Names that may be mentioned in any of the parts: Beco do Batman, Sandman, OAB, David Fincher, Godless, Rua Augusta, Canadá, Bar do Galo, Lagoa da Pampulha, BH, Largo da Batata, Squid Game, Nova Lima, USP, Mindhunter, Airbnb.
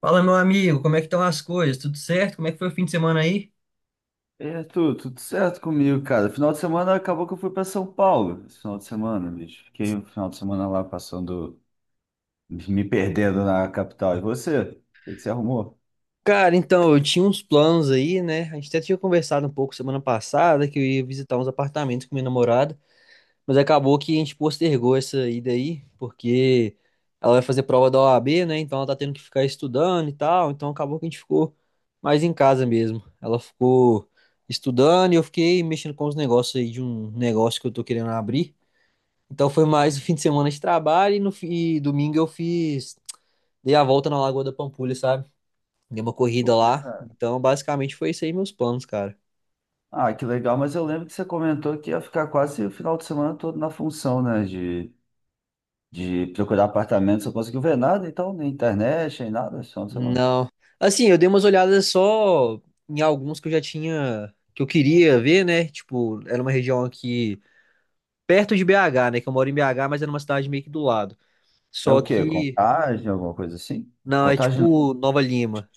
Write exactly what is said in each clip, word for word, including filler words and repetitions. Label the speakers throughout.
Speaker 1: Fala, meu amigo, como é que estão as coisas? Tudo certo? Como é que foi o fim de semana aí?
Speaker 2: E Arthur, tudo certo comigo, cara. Final de semana acabou que eu fui para São Paulo. Esse final de semana, bicho. Fiquei o final de semana lá passando, me perdendo na capital. E você? O que que você arrumou?
Speaker 1: Cara, então, eu tinha uns planos aí, né? A gente até tinha conversado um pouco semana passada que eu ia visitar uns apartamentos com minha namorada, mas acabou que a gente postergou essa ida aí, porque ela vai fazer prova da O A B, né? Então ela tá tendo que ficar estudando e tal, então acabou que a gente ficou mais em casa mesmo. Ela ficou estudando e eu fiquei mexendo com os negócios aí de um negócio que eu tô querendo abrir. Então foi mais o fim de semana de trabalho e, no, fi- e domingo eu fiz. Dei a volta na Lagoa da Pampulha, sabe? Dei uma corrida
Speaker 2: Pô,
Speaker 1: lá.
Speaker 2: cara.
Speaker 1: Então, basicamente foi isso aí meus planos, cara.
Speaker 2: Ah, que legal, mas eu lembro que você comentou que ia ficar quase o final de semana todo na função, né? De, de procurar apartamento. Você não conseguiu ver nada, então, nem internet, nem nada, esse final de semana.
Speaker 1: Não. Assim, eu dei umas olhadas só em alguns que eu já tinha, que eu queria ver, né? Tipo, era uma região aqui perto de B H, né? Que eu moro em B H, mas era uma cidade meio que do lado.
Speaker 2: É
Speaker 1: Só
Speaker 2: o quê?
Speaker 1: que,
Speaker 2: Contagem, alguma coisa assim?
Speaker 1: não, é
Speaker 2: Contagem não.
Speaker 1: tipo Nova Lima.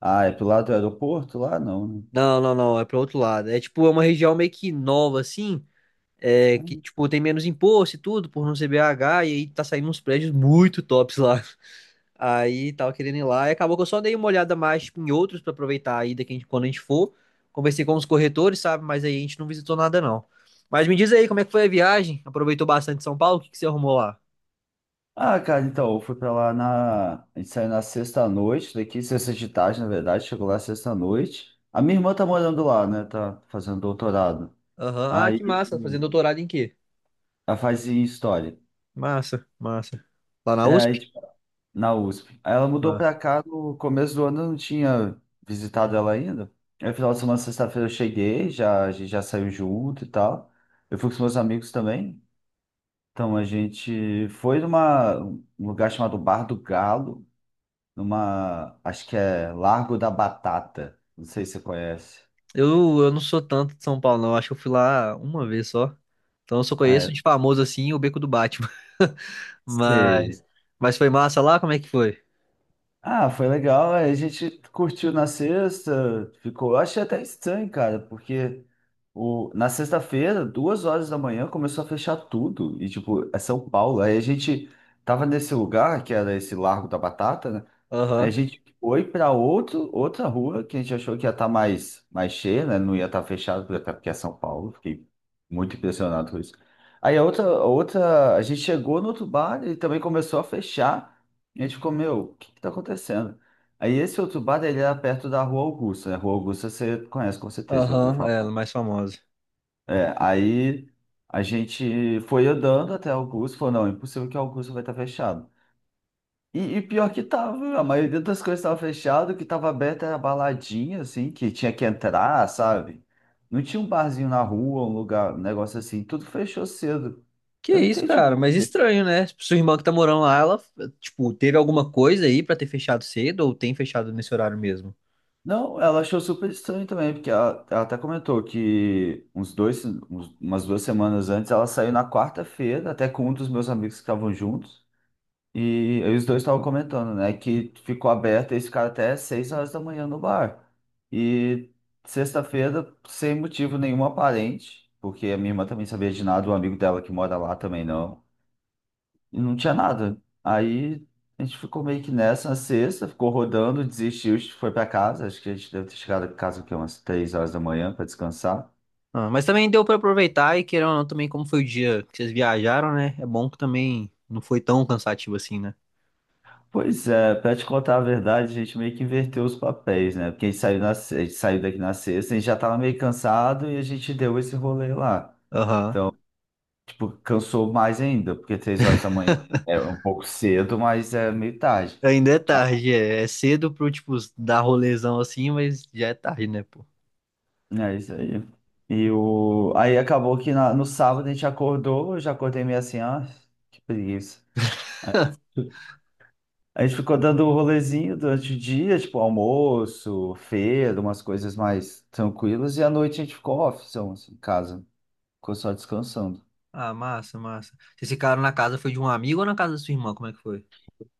Speaker 2: Ah, é pro lado do aeroporto lá? Não, né?
Speaker 1: Não, não, não, é para outro lado. É tipo, é uma região meio que nova, assim, é, que, tipo, tem menos imposto e tudo, por não ser B H, e aí tá saindo uns prédios muito tops lá. Aí tava querendo ir lá, e acabou que eu só dei uma olhada mais, tipo, em outros pra aproveitar a ida que a gente- quando a gente for. Conversei com os corretores, sabe? Mas aí a gente não visitou nada, não. Mas me diz aí, como é que foi a viagem? Aproveitou bastante São Paulo? O que que você arrumou lá?
Speaker 2: Ah, cara, então, eu fui pra lá na. A gente saiu na sexta-noite daqui, sexta de tarde, na verdade, chegou lá sexta-noite. A minha irmã tá morando lá, né? Tá fazendo doutorado.
Speaker 1: Aham. Ah, que
Speaker 2: Aí
Speaker 1: massa. Fazendo doutorado em quê?
Speaker 2: ela faz em história.
Speaker 1: Massa, massa. Lá na
Speaker 2: É, aí,
Speaker 1: U S P?
Speaker 2: tipo, na U S P. Aí ela mudou
Speaker 1: Massa.
Speaker 2: pra cá no começo do ano, eu não tinha visitado ela ainda. Aí, final de semana, sexta-feira, eu cheguei, já, a gente já saiu junto e tal. Eu fui com os meus amigos também. Então, a gente foi numa, um lugar chamado Bar do Galo. Numa, acho que é Largo da Batata. Não sei se você conhece.
Speaker 1: Eu, eu não sou tanto de São Paulo, não. Acho que eu fui lá uma vez só. Então eu só
Speaker 2: Ah,
Speaker 1: conheço
Speaker 2: é,
Speaker 1: de famoso assim o Beco do Batman.
Speaker 2: sei.
Speaker 1: Mas, mas foi massa lá? Como é que foi?
Speaker 2: Ah, foi legal. É, a gente curtiu na sexta, ficou. Eu achei até estranho, cara, porque o, na sexta-feira, duas horas da manhã, começou a fechar tudo. E, tipo, é São Paulo. Aí a gente tava nesse lugar, que era esse Largo da Batata, né? A
Speaker 1: Aham,
Speaker 2: gente foi para outro, outra rua que a gente achou que ia estar mais, mais cheia, né? Não ia estar fechado, porque até porque é São Paulo. Fiquei muito impressionado com isso. Aí a outra, a outra, a gente chegou no outro bar, ele também começou a fechar. E a gente ficou, meu, o que que tá acontecendo? Aí esse outro bar, ele era perto da Rua Augusta, né? Rua Augusta você conhece com certeza, já ouviu
Speaker 1: aham,
Speaker 2: falar.
Speaker 1: é, ela é mais famosa.
Speaker 2: É, aí a gente foi andando até Augusto, falou, não, é impossível que Augusto vai estar fechado. E, e pior que tava, a maioria das coisas tava fechado, o que tava aberto era baladinha, assim, que tinha que entrar, sabe? Não tinha um barzinho na rua, um lugar, um negócio assim, tudo fechou cedo.
Speaker 1: Que
Speaker 2: Eu não
Speaker 1: isso,
Speaker 2: entendi
Speaker 1: cara,
Speaker 2: por
Speaker 1: mas
Speaker 2: quê.
Speaker 1: estranho, né? Sua irmã que tá morando lá, ela, tipo, teve alguma coisa aí pra ter fechado cedo ou tem fechado nesse horário mesmo?
Speaker 2: Não, ela achou super estranho também, porque ela, ela até comentou que uns dois, uns- umas duas semanas antes, ela saiu na quarta-feira, até com um dos meus amigos que estavam juntos. E, aí os dois estavam comentando, né? Que ficou aberto esse cara até seis horas da manhã no bar. E sexta-feira, sem motivo nenhum aparente, porque a minha irmã também sabia de nada, o amigo dela que mora lá também não. E não tinha nada. Aí a gente ficou meio que nessa na sexta, ficou rodando, desistiu, foi pra casa. Acho que a gente deve ter chegado em casa o quê? Umas três horas da manhã para descansar.
Speaker 1: Ah, mas também deu pra aproveitar e querendo ou não, também como foi o dia que vocês viajaram, né? É bom que também não foi tão cansativo assim, né?
Speaker 2: Pois é, pra te contar a verdade, a gente meio que inverteu os papéis, né? Porque a gente saiu, na, se- a gente saiu daqui na sexta, a gente já tava meio cansado e a gente deu esse rolê lá.
Speaker 1: Aham.
Speaker 2: Tipo, cansou mais ainda, porque três horas da manhã é um pouco cedo, mas é meio tarde.
Speaker 1: Ainda é
Speaker 2: Aí,
Speaker 1: tarde, é. É cedo pro, tipo, dar rolezão assim, mas já é tarde, né, pô?
Speaker 2: né, é isso aí. E o, aí acabou que na- no sábado a gente acordou, eu já acordei meio assim, ah, que preguiça. A gente ficou dando um rolezinho durante o dia, tipo almoço, feira, umas coisas mais tranquilas, e à noite a gente ficou off, são, assim, em casa, ficou só descansando.
Speaker 1: Ah, massa, massa. Vocês ficaram na casa, foi de um amigo ou na casa da sua irmã? Como é que foi?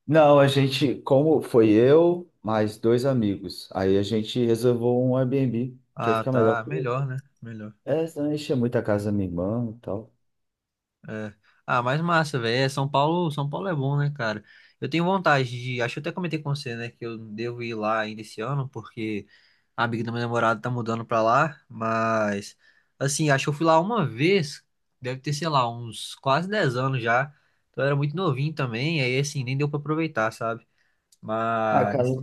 Speaker 2: Não, a gente, como foi eu, mais dois amigos, aí a gente reservou um Airbnb, que aí
Speaker 1: Ah,
Speaker 2: fica melhor.
Speaker 1: tá.
Speaker 2: Porque
Speaker 1: Melhor, né? Melhor.
Speaker 2: é, senão enchia muito a casa da minha irmã e tal.
Speaker 1: É. Ah, mas massa, velho. É, São Paulo, São Paulo é bom, né, cara? Eu tenho vontade de. Acho que eu até comentei com você, né, que eu devo ir lá ainda esse ano, porque a amiga do meu namorado tá mudando pra lá. Mas, assim, acho que eu fui lá uma vez, deve ter, sei lá, uns quase dez anos já. Então eu era muito novinho também, aí, assim, nem deu pra aproveitar, sabe?
Speaker 2: Ah, cara,
Speaker 1: Mas.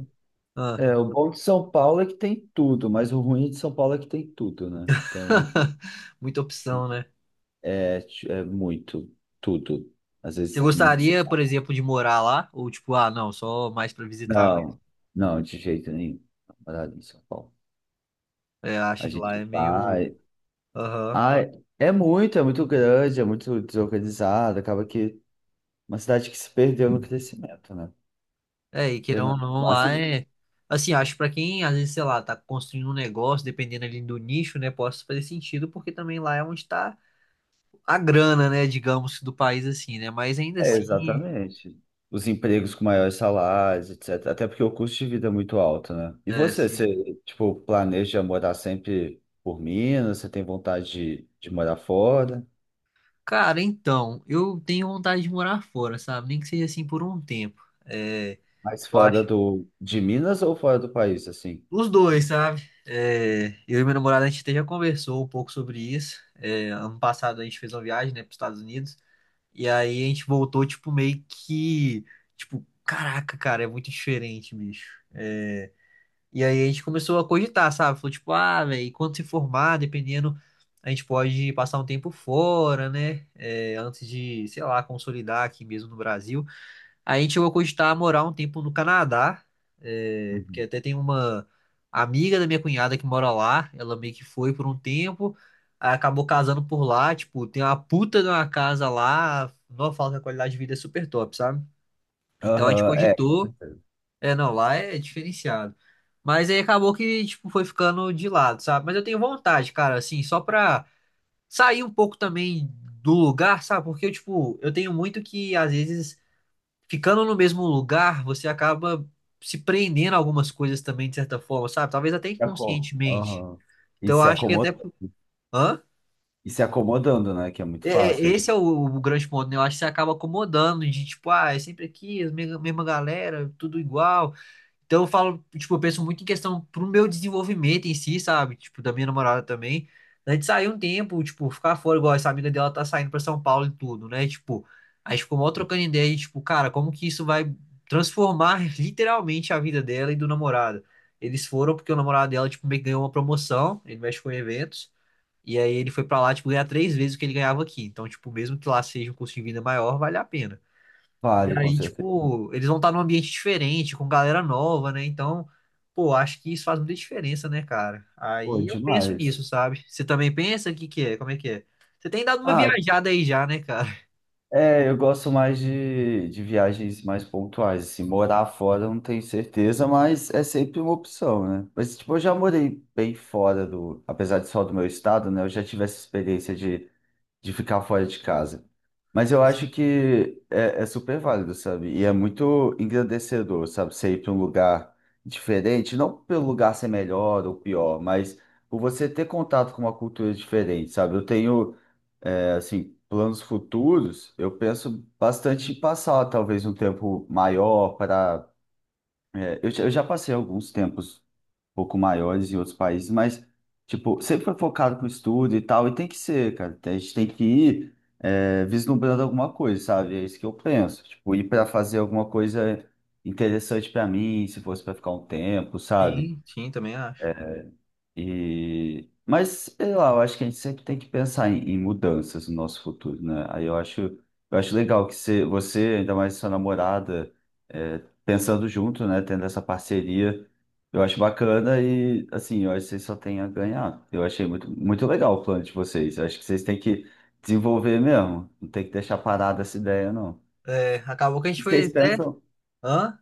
Speaker 1: Ah,
Speaker 2: é, o bom de São Paulo é que tem tudo, mas o ruim de São Paulo é que tem tudo, né? Então,
Speaker 1: muita opção, né?
Speaker 2: é, é muito, tudo. Às
Speaker 1: Você
Speaker 2: vezes não.
Speaker 1: gostaria, por exemplo, de morar lá? Ou tipo, ah, não, só mais pra visitar?
Speaker 2: Não, não, de jeito nenhum. Namorada em São Paulo.
Speaker 1: É,
Speaker 2: A
Speaker 1: acho que lá
Speaker 2: gente
Speaker 1: é meio.
Speaker 2: vai.
Speaker 1: Aham.
Speaker 2: Ai, é muito, é muito grande, é muito desorganizado. Acaba que uma cidade que se perdeu no crescimento, né?
Speaker 1: É, e
Speaker 2: Eu
Speaker 1: querendo
Speaker 2: não
Speaker 1: ou
Speaker 2: acho
Speaker 1: não, lá
Speaker 2: máximo.
Speaker 1: é. Assim, acho que pra quem, às vezes, sei lá, tá construindo um negócio, dependendo ali do nicho, né, possa fazer sentido, porque também lá é onde tá a grana, né, digamos, do país, assim, né? Mas ainda
Speaker 2: É,
Speaker 1: assim.
Speaker 2: exatamente. Os empregos com maiores salários, et cetera. Até porque o custo de vida é muito alto, né? E
Speaker 1: É,
Speaker 2: você,
Speaker 1: sim.
Speaker 2: você, tipo, planeja morar sempre por Minas? Você tem vontade de, de morar fora?
Speaker 1: Cara, então, eu tenho vontade de morar fora, sabe? Nem que seja assim por um tempo. É,
Speaker 2: Mas
Speaker 1: eu
Speaker 2: fora
Speaker 1: acho.
Speaker 2: do, de Minas ou fora do país, assim?
Speaker 1: Os dois, sabe? É, eu e minha namorada, a gente até já conversou um pouco sobre isso. É, ano passado a gente fez uma viagem, né, para os Estados Unidos. E aí a gente voltou, tipo, meio que. Tipo, caraca, cara, é muito diferente, bicho. É, e aí a gente começou a cogitar, sabe? Falou, tipo, ah, velho, quando se formar, dependendo, a gente pode passar um tempo fora, né? É, antes de, sei lá, consolidar aqui mesmo no Brasil. A gente chegou a cogitar morar um tempo no Canadá, é, porque até tem uma amiga da minha cunhada que mora lá, ela meio que foi por um tempo, aí acabou casando por lá, tipo, tem uma puta de uma casa lá, não fala que a qualidade de vida é super top, sabe? Então a gente
Speaker 2: Aham, é, com
Speaker 1: cogitou,
Speaker 2: certeza.
Speaker 1: é, não, lá é diferenciado. Mas aí acabou que, tipo, foi ficando de lado, sabe? Mas eu tenho vontade, cara, assim, só pra sair um pouco também do lugar, sabe? Porque eu, tipo, eu tenho muito que, às vezes ficando no mesmo lugar, você acaba se prendendo a algumas coisas também, de certa forma, sabe? Talvez até
Speaker 2: Se aco-
Speaker 1: inconscientemente.
Speaker 2: Aham. E
Speaker 1: Então, eu
Speaker 2: se
Speaker 1: acho que então,
Speaker 2: acomoda,
Speaker 1: até. Hã?
Speaker 2: e se acomodando, né? Que é muito
Speaker 1: É- é-
Speaker 2: fácil. A
Speaker 1: Esse
Speaker 2: gente
Speaker 1: é o, o grande ponto, né? Eu acho que você acaba acomodando de tipo, ah, é sempre aqui, a mesma galera, tudo igual. Então eu falo, tipo, eu penso muito em questão pro meu desenvolvimento em si, sabe? Tipo, da minha namorada também. A gente saiu um tempo, tipo, ficar fora, igual essa amiga dela tá saindo pra São Paulo e tudo, né? Tipo, a gente ficou mal trocando ideia e, tipo, cara, como que isso vai transformar literalmente a vida dela e do namorado? Eles foram porque o namorado dela, tipo, meio que ganhou uma promoção, ele mexe com eventos, e aí ele foi pra lá, tipo, ganhar três vezes o que ele ganhava aqui. Então, tipo, mesmo que lá seja um custo de vida maior, vale a pena. E
Speaker 2: vale, com
Speaker 1: aí,
Speaker 2: certeza.
Speaker 1: tipo, eles vão estar num ambiente diferente, com galera nova, né? Então, pô, acho que isso faz muita diferença, né, cara?
Speaker 2: Pô, é
Speaker 1: Aí eu penso nisso,
Speaker 2: demais.
Speaker 1: sabe? Você também pensa? O que que é? Como é que é? Você tem dado uma
Speaker 2: Ah,
Speaker 1: viajada aí já, né, cara?
Speaker 2: é, eu gosto mais de, de viagens mais pontuais. Assim, morar fora eu não tenho certeza, mas é sempre uma opção, né? Mas, tipo, eu já morei bem fora do, apesar de só do meu estado, né? Eu já tive essa experiência de de ficar fora de casa. Mas eu acho que é, é super válido, sabe? E é muito engrandecedor, sabe? Você ir para um lugar diferente, não pelo lugar ser melhor ou pior, mas por você ter contato com uma cultura diferente, sabe? Eu tenho, é, assim, planos futuros, eu penso bastante em passar talvez um tempo maior para. É, eu, já eu já passei alguns tempos pouco maiores em outros países, mas, tipo, sempre foi focado pro estudo e tal, e tem que ser, cara. A gente tem que ir é, vislumbrando alguma coisa, sabe? É isso que eu penso. Tipo, ir para fazer alguma coisa interessante para mim, se fosse para ficar um tempo, sabe?
Speaker 1: Sim, sim, também acho.
Speaker 2: E, mas, sei lá, eu acho que a gente sempre tem que pensar em, em mudanças no nosso futuro, né? Aí eu acho, eu acho legal que você, você, ainda mais sua namorada, é, pensando junto, né? Tendo essa parceria, eu acho bacana e, assim, eu acho que vocês só têm a ganhar. Eu achei muito, muito legal o plano de vocês. Eu acho que vocês têm que desenvolver mesmo. Não tem que deixar parada essa ideia, não.
Speaker 1: É, acabou que a gente
Speaker 2: E
Speaker 1: foi
Speaker 2: vocês
Speaker 1: até.
Speaker 2: pensam,
Speaker 1: Hã?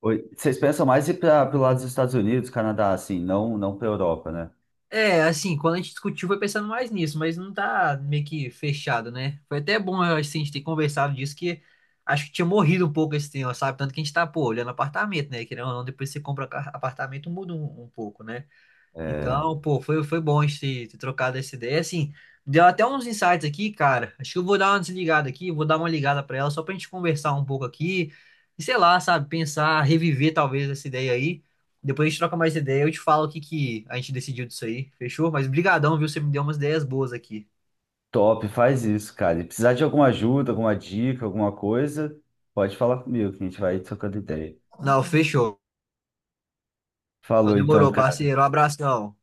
Speaker 2: oi, vocês pensam mais ir para o lado dos Estados Unidos, Canadá, assim, não, não para Europa, né?
Speaker 1: É, assim, quando a gente discutiu foi pensando mais nisso, mas não tá meio que fechado, né? Foi até bom eu acho, assim, a gente ter conversado disso, que acho que tinha morrido um pouco esse tema, sabe? Tanto que a gente tá, pô, olhando apartamento, né? Querendo ou não, depois você compra ca- apartamento, muda um, um pouco, né?
Speaker 2: É,
Speaker 1: Então, pô, foi, foi bom a gente ter trocado essa ideia. Assim, deu até uns insights aqui, cara. Acho que eu vou dar uma desligada aqui, vou dar uma ligada pra ela só pra gente conversar um pouco aqui. E sei lá, sabe, pensar, reviver talvez essa ideia aí. Depois a gente troca mais ideia, eu te falo o que que a gente decidiu disso aí, fechou? Mas brigadão, viu? Você me deu umas ideias boas aqui.
Speaker 2: top, faz isso, cara. E precisar de alguma ajuda, alguma dica, alguma coisa, pode falar comigo, que a gente vai trocando ideia.
Speaker 1: Não, fechou. Então
Speaker 2: Falou então,
Speaker 1: demorou,
Speaker 2: cara.
Speaker 1: parceiro. Um abração.